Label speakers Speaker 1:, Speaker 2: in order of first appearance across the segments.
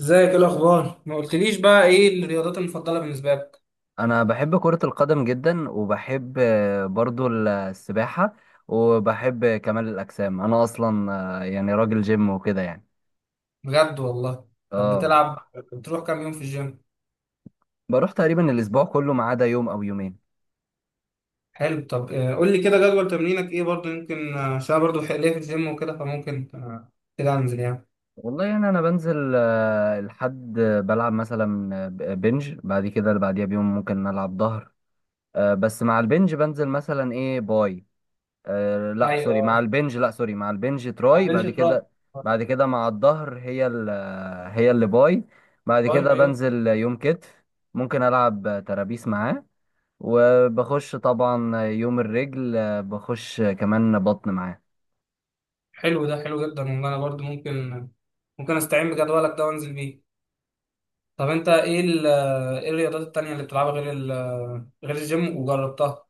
Speaker 1: ازيك؟ ايه الاخبار؟ ما قلتليش بقى ايه الرياضات المفضله بالنسبه لك؟
Speaker 2: انا بحب كرة القدم جدا وبحب برضو السباحة. وبحب كمال الاجسام، انا اصلا يعني راجل جيم وكده يعني.
Speaker 1: بجد والله. طب
Speaker 2: اه.
Speaker 1: بتلعب؟ بتروح كام يوم في الجيم؟
Speaker 2: بروح تقريبا الاسبوع كله ما عدا يوم او يومين.
Speaker 1: حلو. طب قول لي كده جدول تمرينك ايه؟ برضه يمكن عشان أنا برضه ليا في الجيم وكده، فممكن كده انزل يعني.
Speaker 2: والله، يعني انا بنزل الحد، بلعب مثلا بنج. بعد كده اللي بعديها بيوم ممكن العب ظهر. بس مع البنج بنزل مثلا ايه، باي.
Speaker 1: ايوه،
Speaker 2: لا سوري، مع البنج
Speaker 1: على
Speaker 2: تراي
Speaker 1: البنش
Speaker 2: بعد
Speaker 1: تراب.
Speaker 2: كده. بعد كده مع الظهر هي اللي باي. بعد
Speaker 1: ايوه
Speaker 2: كده
Speaker 1: ايوه.
Speaker 2: بنزل يوم كتف، ممكن ألعب ترابيس معاه. وبخش طبعا يوم الرجل، بخش كمان بطن معاه.
Speaker 1: حلو، ده حلو جدا والله، انا برضه ممكن ممكن استعين بجدولك ده وانزل بيه. طب انت ايه ايه الرياضات التانية اللي بتلعبها غير غير الجيم وجربتها؟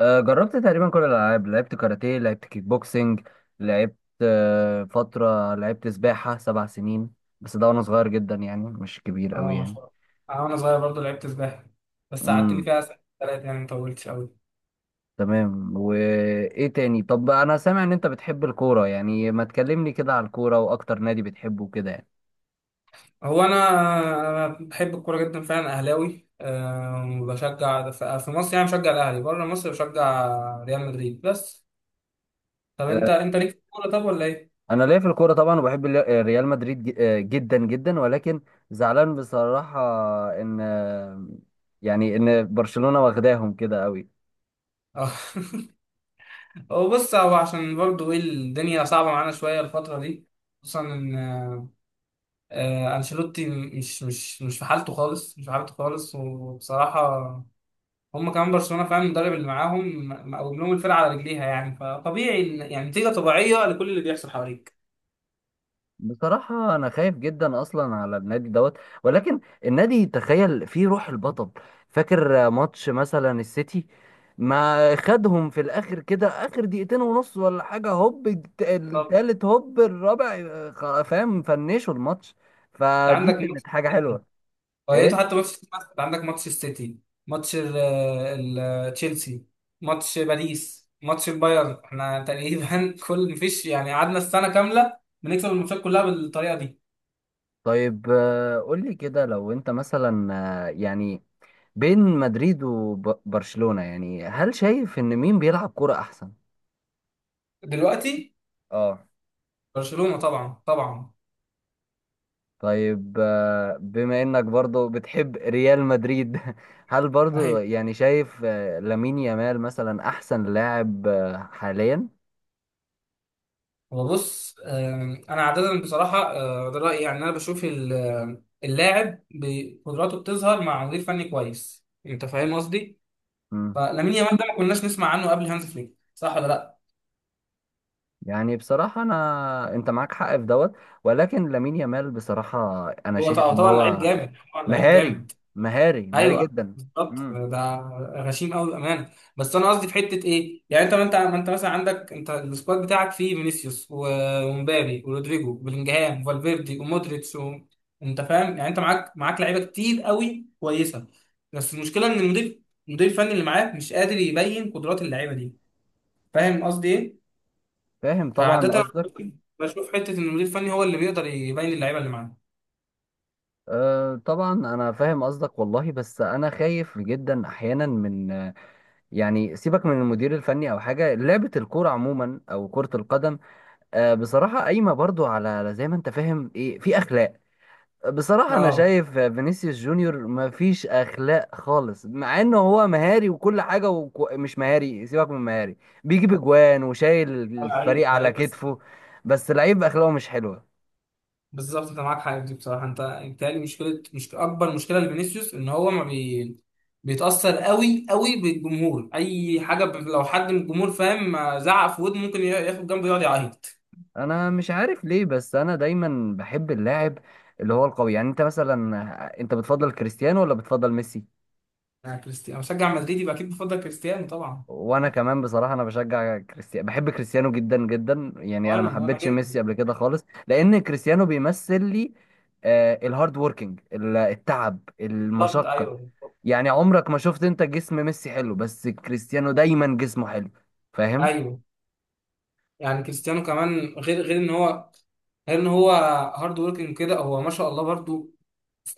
Speaker 2: جربت تقريبا كل الألعاب، لعبت كاراتيه، لعبت كيك بوكسينج، لعبت آه، فترة لعبت سباحة 7 سنين. بس ده وأنا صغير جدا، يعني مش كبير أوي
Speaker 1: اه ما
Speaker 2: يعني.
Speaker 1: شاء الله. انا وانا صغير برضه لعبت سباحه، بس قعدت لي
Speaker 2: مم.
Speaker 1: فيها سنه ثلاثه يعني، ما طولتش قوي.
Speaker 2: تمام. وايه تاني؟ طب انا سامع ان انت بتحب الكوره، يعني ما تكلمني كده على الكوره، واكتر نادي بتحبه كده يعني.
Speaker 1: هو انا انا بحب الكوره جدا فعلا، اهلاوي، أه. وبشجع في مصر يعني بشجع الاهلي، بره مصر بشجع ريال مدريد بس. طب
Speaker 2: آه،
Speaker 1: انت انت ليك في الكوره طب ولا ايه؟
Speaker 2: انا ليا في الكوره طبعا، وبحب ريال مدريد جدا جدا، ولكن زعلان بصراحه ان آه، يعني ان برشلونه واخداهم كده قوي.
Speaker 1: اه. هو بص، هو عشان برضه ايه، الدنيا صعبه معانا شويه الفتره دي، خصوصا ان انشيلوتي مش في حالته خالص، مش في حالته خالص. وبصراحه هم كمان برشلونه فعلا المدرب اللي معاهم مقوم لهم الفرقه على رجليها، يعني فطبيعي يعني نتيجه طبيعية لكل اللي بيحصل حواليك.
Speaker 2: بصراحة أنا خايف جدا أصلا على النادي دوت، ولكن النادي تخيل فيه روح البطل. فاكر ماتش مثلا السيتي؟ ما خدهم في الآخر كده آخر دقيقتين ونص ولا حاجة، هوب
Speaker 1: طب
Speaker 2: التالت، هوب الرابع، فاهم، فنشوا الماتش.
Speaker 1: انت
Speaker 2: فدي
Speaker 1: عندك ماتش
Speaker 2: كانت حاجة
Speaker 1: السيتي؟
Speaker 2: حلوة.
Speaker 1: فايته
Speaker 2: إيه.
Speaker 1: حتى ماتش؟ انت عندك ماتش السيتي، ماتش تشيلسي، ماتش باريس، ماتش البايرن، احنا تقريبا كل مفيش يعني، قعدنا السنه كامله بنكسب الماتشات كلها بالطريقه دي.
Speaker 2: طيب، قولي كده لو أنت مثلا، آه، يعني بين مدريد وبرشلونة، يعني هل شايف إن مين بيلعب كرة أحسن؟
Speaker 1: دلوقتي
Speaker 2: اه.
Speaker 1: برشلونه طبعا طبعا.
Speaker 2: طيب، بما انك برضو بتحب ريال مدريد هل برضو يعني شايف لامين يامال مثلا احسن لاعب حاليا؟
Speaker 1: هو بص، انا عاده بصراحه ده رايي، يعني انا بشوف اللاعب بقدراته بتظهر مع مدير فني كويس، انت فاهم قصدي؟
Speaker 2: مم.
Speaker 1: فلامين يامال ده ما كناش نسمع عنه قبل هانز فليك، صح ولا لا؟
Speaker 2: يعني بصراحة انت معاك حق في دوت، ولكن لامين يامال بصراحة انا
Speaker 1: هو
Speaker 2: شايف
Speaker 1: طبعا
Speaker 2: ان
Speaker 1: طبعا لعيب
Speaker 2: هو
Speaker 1: جامد، طبعا لعيب
Speaker 2: مهاري،
Speaker 1: جامد.
Speaker 2: مهاري، مهاري
Speaker 1: ايوه
Speaker 2: جدا.
Speaker 1: بالظبط
Speaker 2: مم.
Speaker 1: ده، غشيم قوي بامانه. بس انا قصدي في حته ايه؟ يعني انت ما انت ما انت مثلا عندك انت السكواد بتاعك فيه فينيسيوس ومبابي ورودريجو وبلينجهام وفالفيردي ومودريتش و... انت فاهم يعني؟ انت معاك لعيبه كتير قوي كويسه، بس المشكله ان المدير الفني اللي معاك مش قادر يبين قدرات اللعيبه دي، فاهم قصدي ايه؟
Speaker 2: فاهم طبعا
Speaker 1: فعاده
Speaker 2: قصدك.
Speaker 1: بشوف حته ان المدير الفني هو اللي بيقدر يبين اللعيبه اللي معاه.
Speaker 2: أه طبعا انا فاهم قصدك والله، بس انا خايف جدا احيانا من يعني سيبك من المدير الفني او حاجه، لعبه الكوره عموما او كره القدم بصراحة قايمة برضو على زي ما انت فاهم، ايه، في اخلاق. بصراحة انا
Speaker 1: اه.
Speaker 2: شايف فينيسيوس جونيور مفيش اخلاق خالص، مع انه هو مهاري وكل حاجة مش مهاري، سيبك من مهاري. بيجيب اجوان وشايل
Speaker 1: لعيب
Speaker 2: الفريق على
Speaker 1: لعيب.
Speaker 2: كتفه، بس لعيب اخلاقه مش حلوة.
Speaker 1: بالظبط، انت معاك حاجه دي بصراحه، انت بيتهيألي مشكله، مش اكبر مشكله لفينيسيوس ان هو ما بي... بيتاثر قوي قوي بالجمهور، اي حاجه لو حد من الجمهور فاهم ما زعق في ودنه، ممكن ياخد جنبه يقعد يعيط.
Speaker 2: انا مش عارف ليه، بس انا دايما بحب اللاعب اللي هو القوي. يعني انت مثلا بتفضل كريستيانو ولا بتفضل ميسي؟
Speaker 1: انا كريستيانو، انا بشجع مدريد يبقى اكيد بفضل كريستيانو طبعا.
Speaker 2: وانا كمان بصراحه، انا بشجع كريستيانو، بحب كريستيانو جدا جدا. يعني انا ما
Speaker 1: وانا وانا
Speaker 2: حبيتش
Speaker 1: جدا،
Speaker 2: ميسي قبل كده خالص، لان كريستيانو بيمثل لي الهارد ووركينج، التعب،
Speaker 1: بالظبط
Speaker 2: المشقه.
Speaker 1: ايوه بالظبط.
Speaker 2: يعني عمرك ما شفت انت جسم ميسي حلو؟ بس كريستيانو دايما جسمه حلو، فاهم؟
Speaker 1: ايوه، يعني كريستيانو كمان، غير ان هو، غير ان هو هارد وركينج كده، هو ما شاء الله برضو،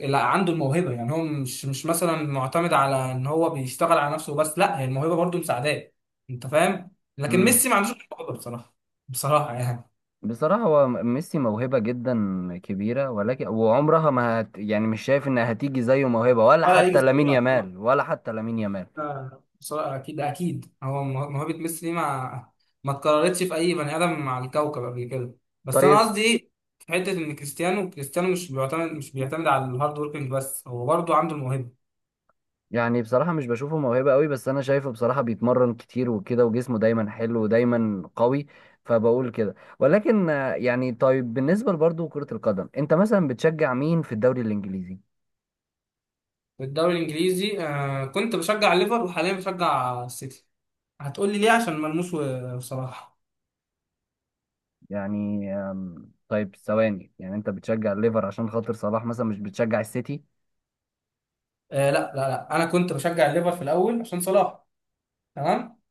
Speaker 1: لا عنده الموهبه. يعني هو مش مثلا معتمد على ان هو بيشتغل على نفسه بس، لا، هي الموهبه برضه مساعداه، انت فاهم؟ لكن
Speaker 2: امم
Speaker 1: ميسي ما عندوش الموهبه بصراحه، بصراحه يعني.
Speaker 2: بصراحه هو ميسي موهبه جدا كبيره، ولكن وعمرها ما هت يعني مش شايف انها هتيجي زيه موهبه، ولا
Speaker 1: ولا هيجي
Speaker 2: حتى لامين
Speaker 1: زيها طبعا،
Speaker 2: يامال، ولا حتى لامين يامال.
Speaker 1: بصراحه اكيد اكيد هو موهبه ميسي دي ما اتكررتش في اي بني ادم على الكوكب قبل كده. بس انا
Speaker 2: طيب.
Speaker 1: قصدي ايه؟ في حته ان كريستيانو، كريستيانو مش بيعتمد على الهارد وركينج بس، هو برضه عنده الموهبه.
Speaker 2: يعني بصراحة مش بشوفه موهبة قوي، بس أنا شايفه بصراحة بيتمرن كتير وكده، وجسمه دايما حلو ودايما قوي. فبقول كده، ولكن طيب، بالنسبة برضه كرة القدم أنت مثلا بتشجع مين في الدوري الإنجليزي؟
Speaker 1: في الدوري الانجليزي، آه كنت بشجع ليفر، وحاليا بشجع السيتي. هتقول لي ليه؟ عشان ملموس وصلاح.
Speaker 2: يعني طيب ثواني، يعني أنت بتشجع الليفر عشان خاطر صلاح مثلا، مش بتشجع السيتي؟
Speaker 1: آه لا لا لا، انا كنت بشجع الليفر في الاول عشان صلاح، تمام.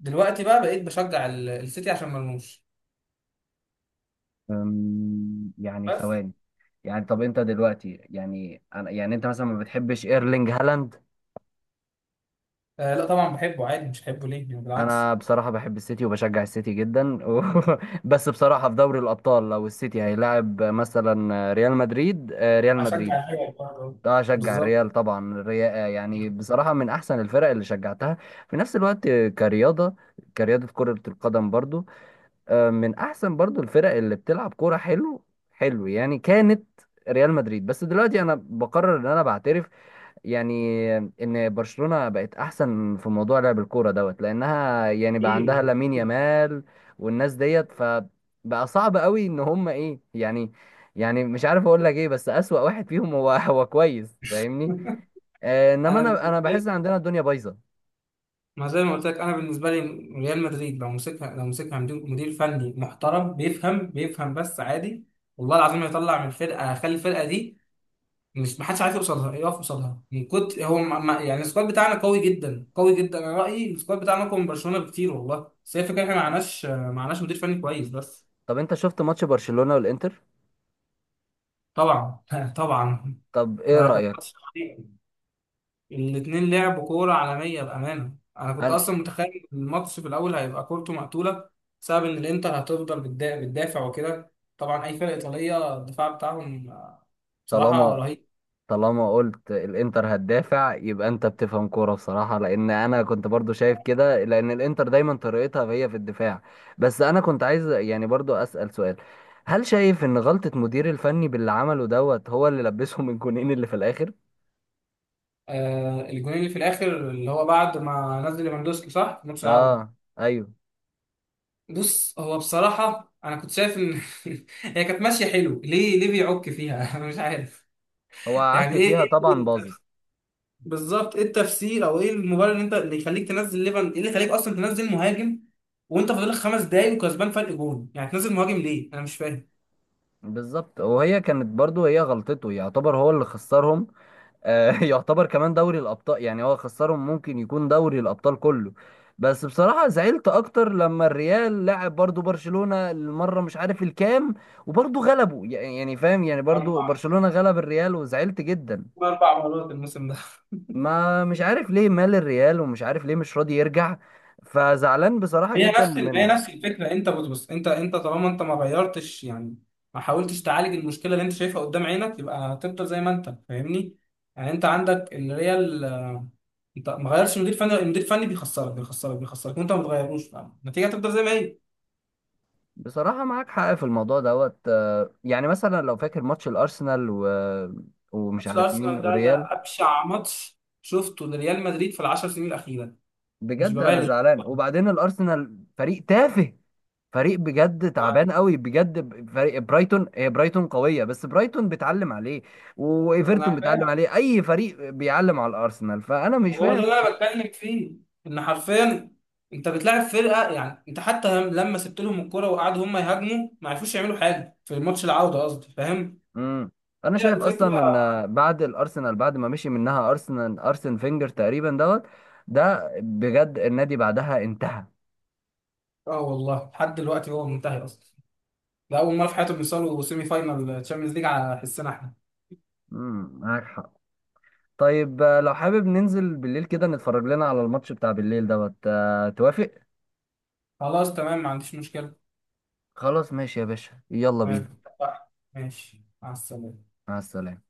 Speaker 1: دلوقتي بقى بقيت بشجع السيتي عشان ملموس
Speaker 2: يعني
Speaker 1: بس.
Speaker 2: ثواني. يعني طب أنت دلوقتي، يعني أنا يعني أنت مثلا ما بتحبش إيرلينج هالاند؟
Speaker 1: آه لا طبعا بحبه عادي، مش بحبه ليه يعني؟ بالعكس.
Speaker 2: انا بصراحه بحب السيتي وبشجع السيتي جدا بس بصراحه في دوري الابطال، لو السيتي هيلاعب مثلا ريال مدريد.
Speaker 1: هشجع الحاجه برضه.
Speaker 2: اه، اشجع
Speaker 1: بالظبط.
Speaker 2: الريال طبعا. الريال يعني بصراحه من احسن الفرق اللي شجعتها في نفس الوقت. كرياضه كره القدم برضو، من احسن برضو الفرق اللي بتلعب كوره حلو. حلو، يعني كانت ريال مدريد، بس دلوقتي انا بقرر ان انا بعترف يعني ان برشلونة بقت احسن في موضوع لعب الكورة دوت، لانها يعني بقى عندها
Speaker 1: ايه.
Speaker 2: لامين يامال والناس ديت، فبقى صعب قوي ان هم ايه يعني. يعني مش عارف اقول لك ايه، بس اسوأ واحد فيهم هو هو كويس، فاهمني. انما
Speaker 1: انا
Speaker 2: انا
Speaker 1: بالنسبه
Speaker 2: انا بحس
Speaker 1: لي،
Speaker 2: عندنا الدنيا بايظة.
Speaker 1: ما زي ما قلت لك، انا بالنسبه لي، ريال مدريد لو مسكها، لو مسكها مدير، مدير فني محترم بيفهم، بيفهم بس عادي، والله العظيم هيطلع من الفرقه، هيخلي الفرقه دي مش، محدش عارف يوصل لها يقف قصادها. من كنت هو يعني السكواد بتاعنا قوي جدا قوي جدا، انا رايي السكواد بتاعنا اقوى من برشلونه بكتير والله، بس هي الفكره احنا ما معناش مدير فني كويس بس.
Speaker 2: طب انت شفت ماتش برشلونة والانتر؟
Speaker 1: طبعا طبعا.
Speaker 2: طب ايه
Speaker 1: ما كان
Speaker 2: رأيك؟
Speaker 1: ماتش، الاثنين لعبوا كوره عالميه بامانه. انا كنت
Speaker 2: انا
Speaker 1: اصلا متخيل الماتش في الاول هيبقى كورته مقتوله بسبب ان الانتر هتفضل بتدافع وكده، طبعا اي فرقه ايطاليه الدفاع بتاعهم بصراحه
Speaker 2: طالما
Speaker 1: رهيب.
Speaker 2: طالما قلت الانتر هتدافع، يبقى انت بتفهم كوره بصراحه، لان انا كنت برضو شايف كده، لان الانتر دايما طريقتها هي في الدفاع. بس انا كنت عايز يعني برضو اسال سؤال. هل شايف ان غلطه مدير الفني باللي عمله دوت، هو اللي لبسهم الجونين اللي في الاخر؟
Speaker 1: آه الجونين اللي في الاخر، اللي هو بعد ما نزل ليفاندوسكي، صح، في نص العوده.
Speaker 2: اه، ايوه.
Speaker 1: بص، هو بصراحه انا كنت شايف ان هي كانت ماشيه حلو، ليه ليه بيعك فيها؟ انا مش عارف.
Speaker 2: هو
Speaker 1: يعني
Speaker 2: عك
Speaker 1: ايه،
Speaker 2: فيها طبعا، باظت.
Speaker 1: بالظبط ايه التفسير او ايه المبرر اللي انت، اللي يخليك تنزل ليفان؟ ايه اللي يخليك اصلا تنزل مهاجم وانت فاضلك 5 دقايق وكسبان فرق جون؟ يعني تنزل مهاجم ليه؟ انا مش فاهم.
Speaker 2: بالظبط، وهي كانت برضو هي غلطته، يعتبر هو اللي خسرهم. يعتبر كمان دوري الابطال، يعني هو خسرهم، ممكن يكون دوري الابطال كله. بس بصراحة زعلت اكتر لما الريال لعب برضو برشلونة المرة مش عارف الكام، وبرضو غلبه يعني فاهم، يعني برضو
Speaker 1: اربع،
Speaker 2: برشلونة غلب الريال، وزعلت جدا.
Speaker 1: 4 مرات الموسم ده.
Speaker 2: ما مش عارف ليه مال الريال، ومش عارف ليه مش راضي يرجع، فزعلان بصراحة
Speaker 1: هي
Speaker 2: جدا
Speaker 1: نفس هي
Speaker 2: منه.
Speaker 1: نفس الفكره. انت بص بص، انت، انت طالما انت ما غيرتش يعني، ما حاولتش تعالج المشكله اللي انت شايفها قدام عينك، يبقى هتفضل زي ما انت، فاهمني؟ يعني انت عندك اللي هي انت ما غيرش مدير فني، المدير الفني بيخسرك بيخسرك بيخسرك وانت ما بتغيروش، فالنتيجه هتفضل زي ما هي.
Speaker 2: بصراحة معاك حق في الموضوع دوت، يعني مثلا لو فاكر ماتش الارسنال ومش
Speaker 1: ماتش
Speaker 2: عارف مين
Speaker 1: الارسنال ده،
Speaker 2: والريال.
Speaker 1: ده ابشع ماتش شفته لريال مدريد في 10 سنين الاخيره، مش
Speaker 2: بجد انا
Speaker 1: ببالغ.
Speaker 2: زعلان، وبعدين الارسنال فريق تافه، فريق بجد تعبان
Speaker 1: ف-
Speaker 2: قوي بجد، فريق برايتون، هي برايتون قويه بس برايتون بتعلم عليه، وايفرتون
Speaker 1: انا
Speaker 2: بتعلم
Speaker 1: فاهم،
Speaker 2: عليه، اي فريق بيعلم على الارسنال، فانا مش
Speaker 1: هو ده
Speaker 2: فاهم.
Speaker 1: اللي انا بتكلم فيه، ان حرفيا انت بتلاعب فرقه، يعني انت حتى لما سبت لهم الكرة وقعدوا هم يهاجموا، ما عرفوش يعملوا حاجه في الماتش العوده قصدي، فاهم؟
Speaker 2: امم انا
Speaker 1: هي
Speaker 2: شايف
Speaker 1: الفكره.
Speaker 2: اصلا ان بعد ما مشي منها ارسن فينجر تقريبا دوت، ده بجد النادي بعدها انتهى.
Speaker 1: اه والله لحد دلوقتي هو منتهي اصلا، ده اول مره في حياتهم يوصلوا سيمي فاينال تشامبيونز ليج على حسنا احنا.
Speaker 2: معاك حق. طيب، لو حابب ننزل بالليل كده نتفرج لنا على الماتش بتاع بالليل دوت، توافق؟
Speaker 1: خلاص تمام، ما عنديش مشكله.
Speaker 2: خلاص، ماشي يا باشا، يلا بينا.
Speaker 1: تمام، ماشي، مع السلامه.
Speaker 2: مع السلامة.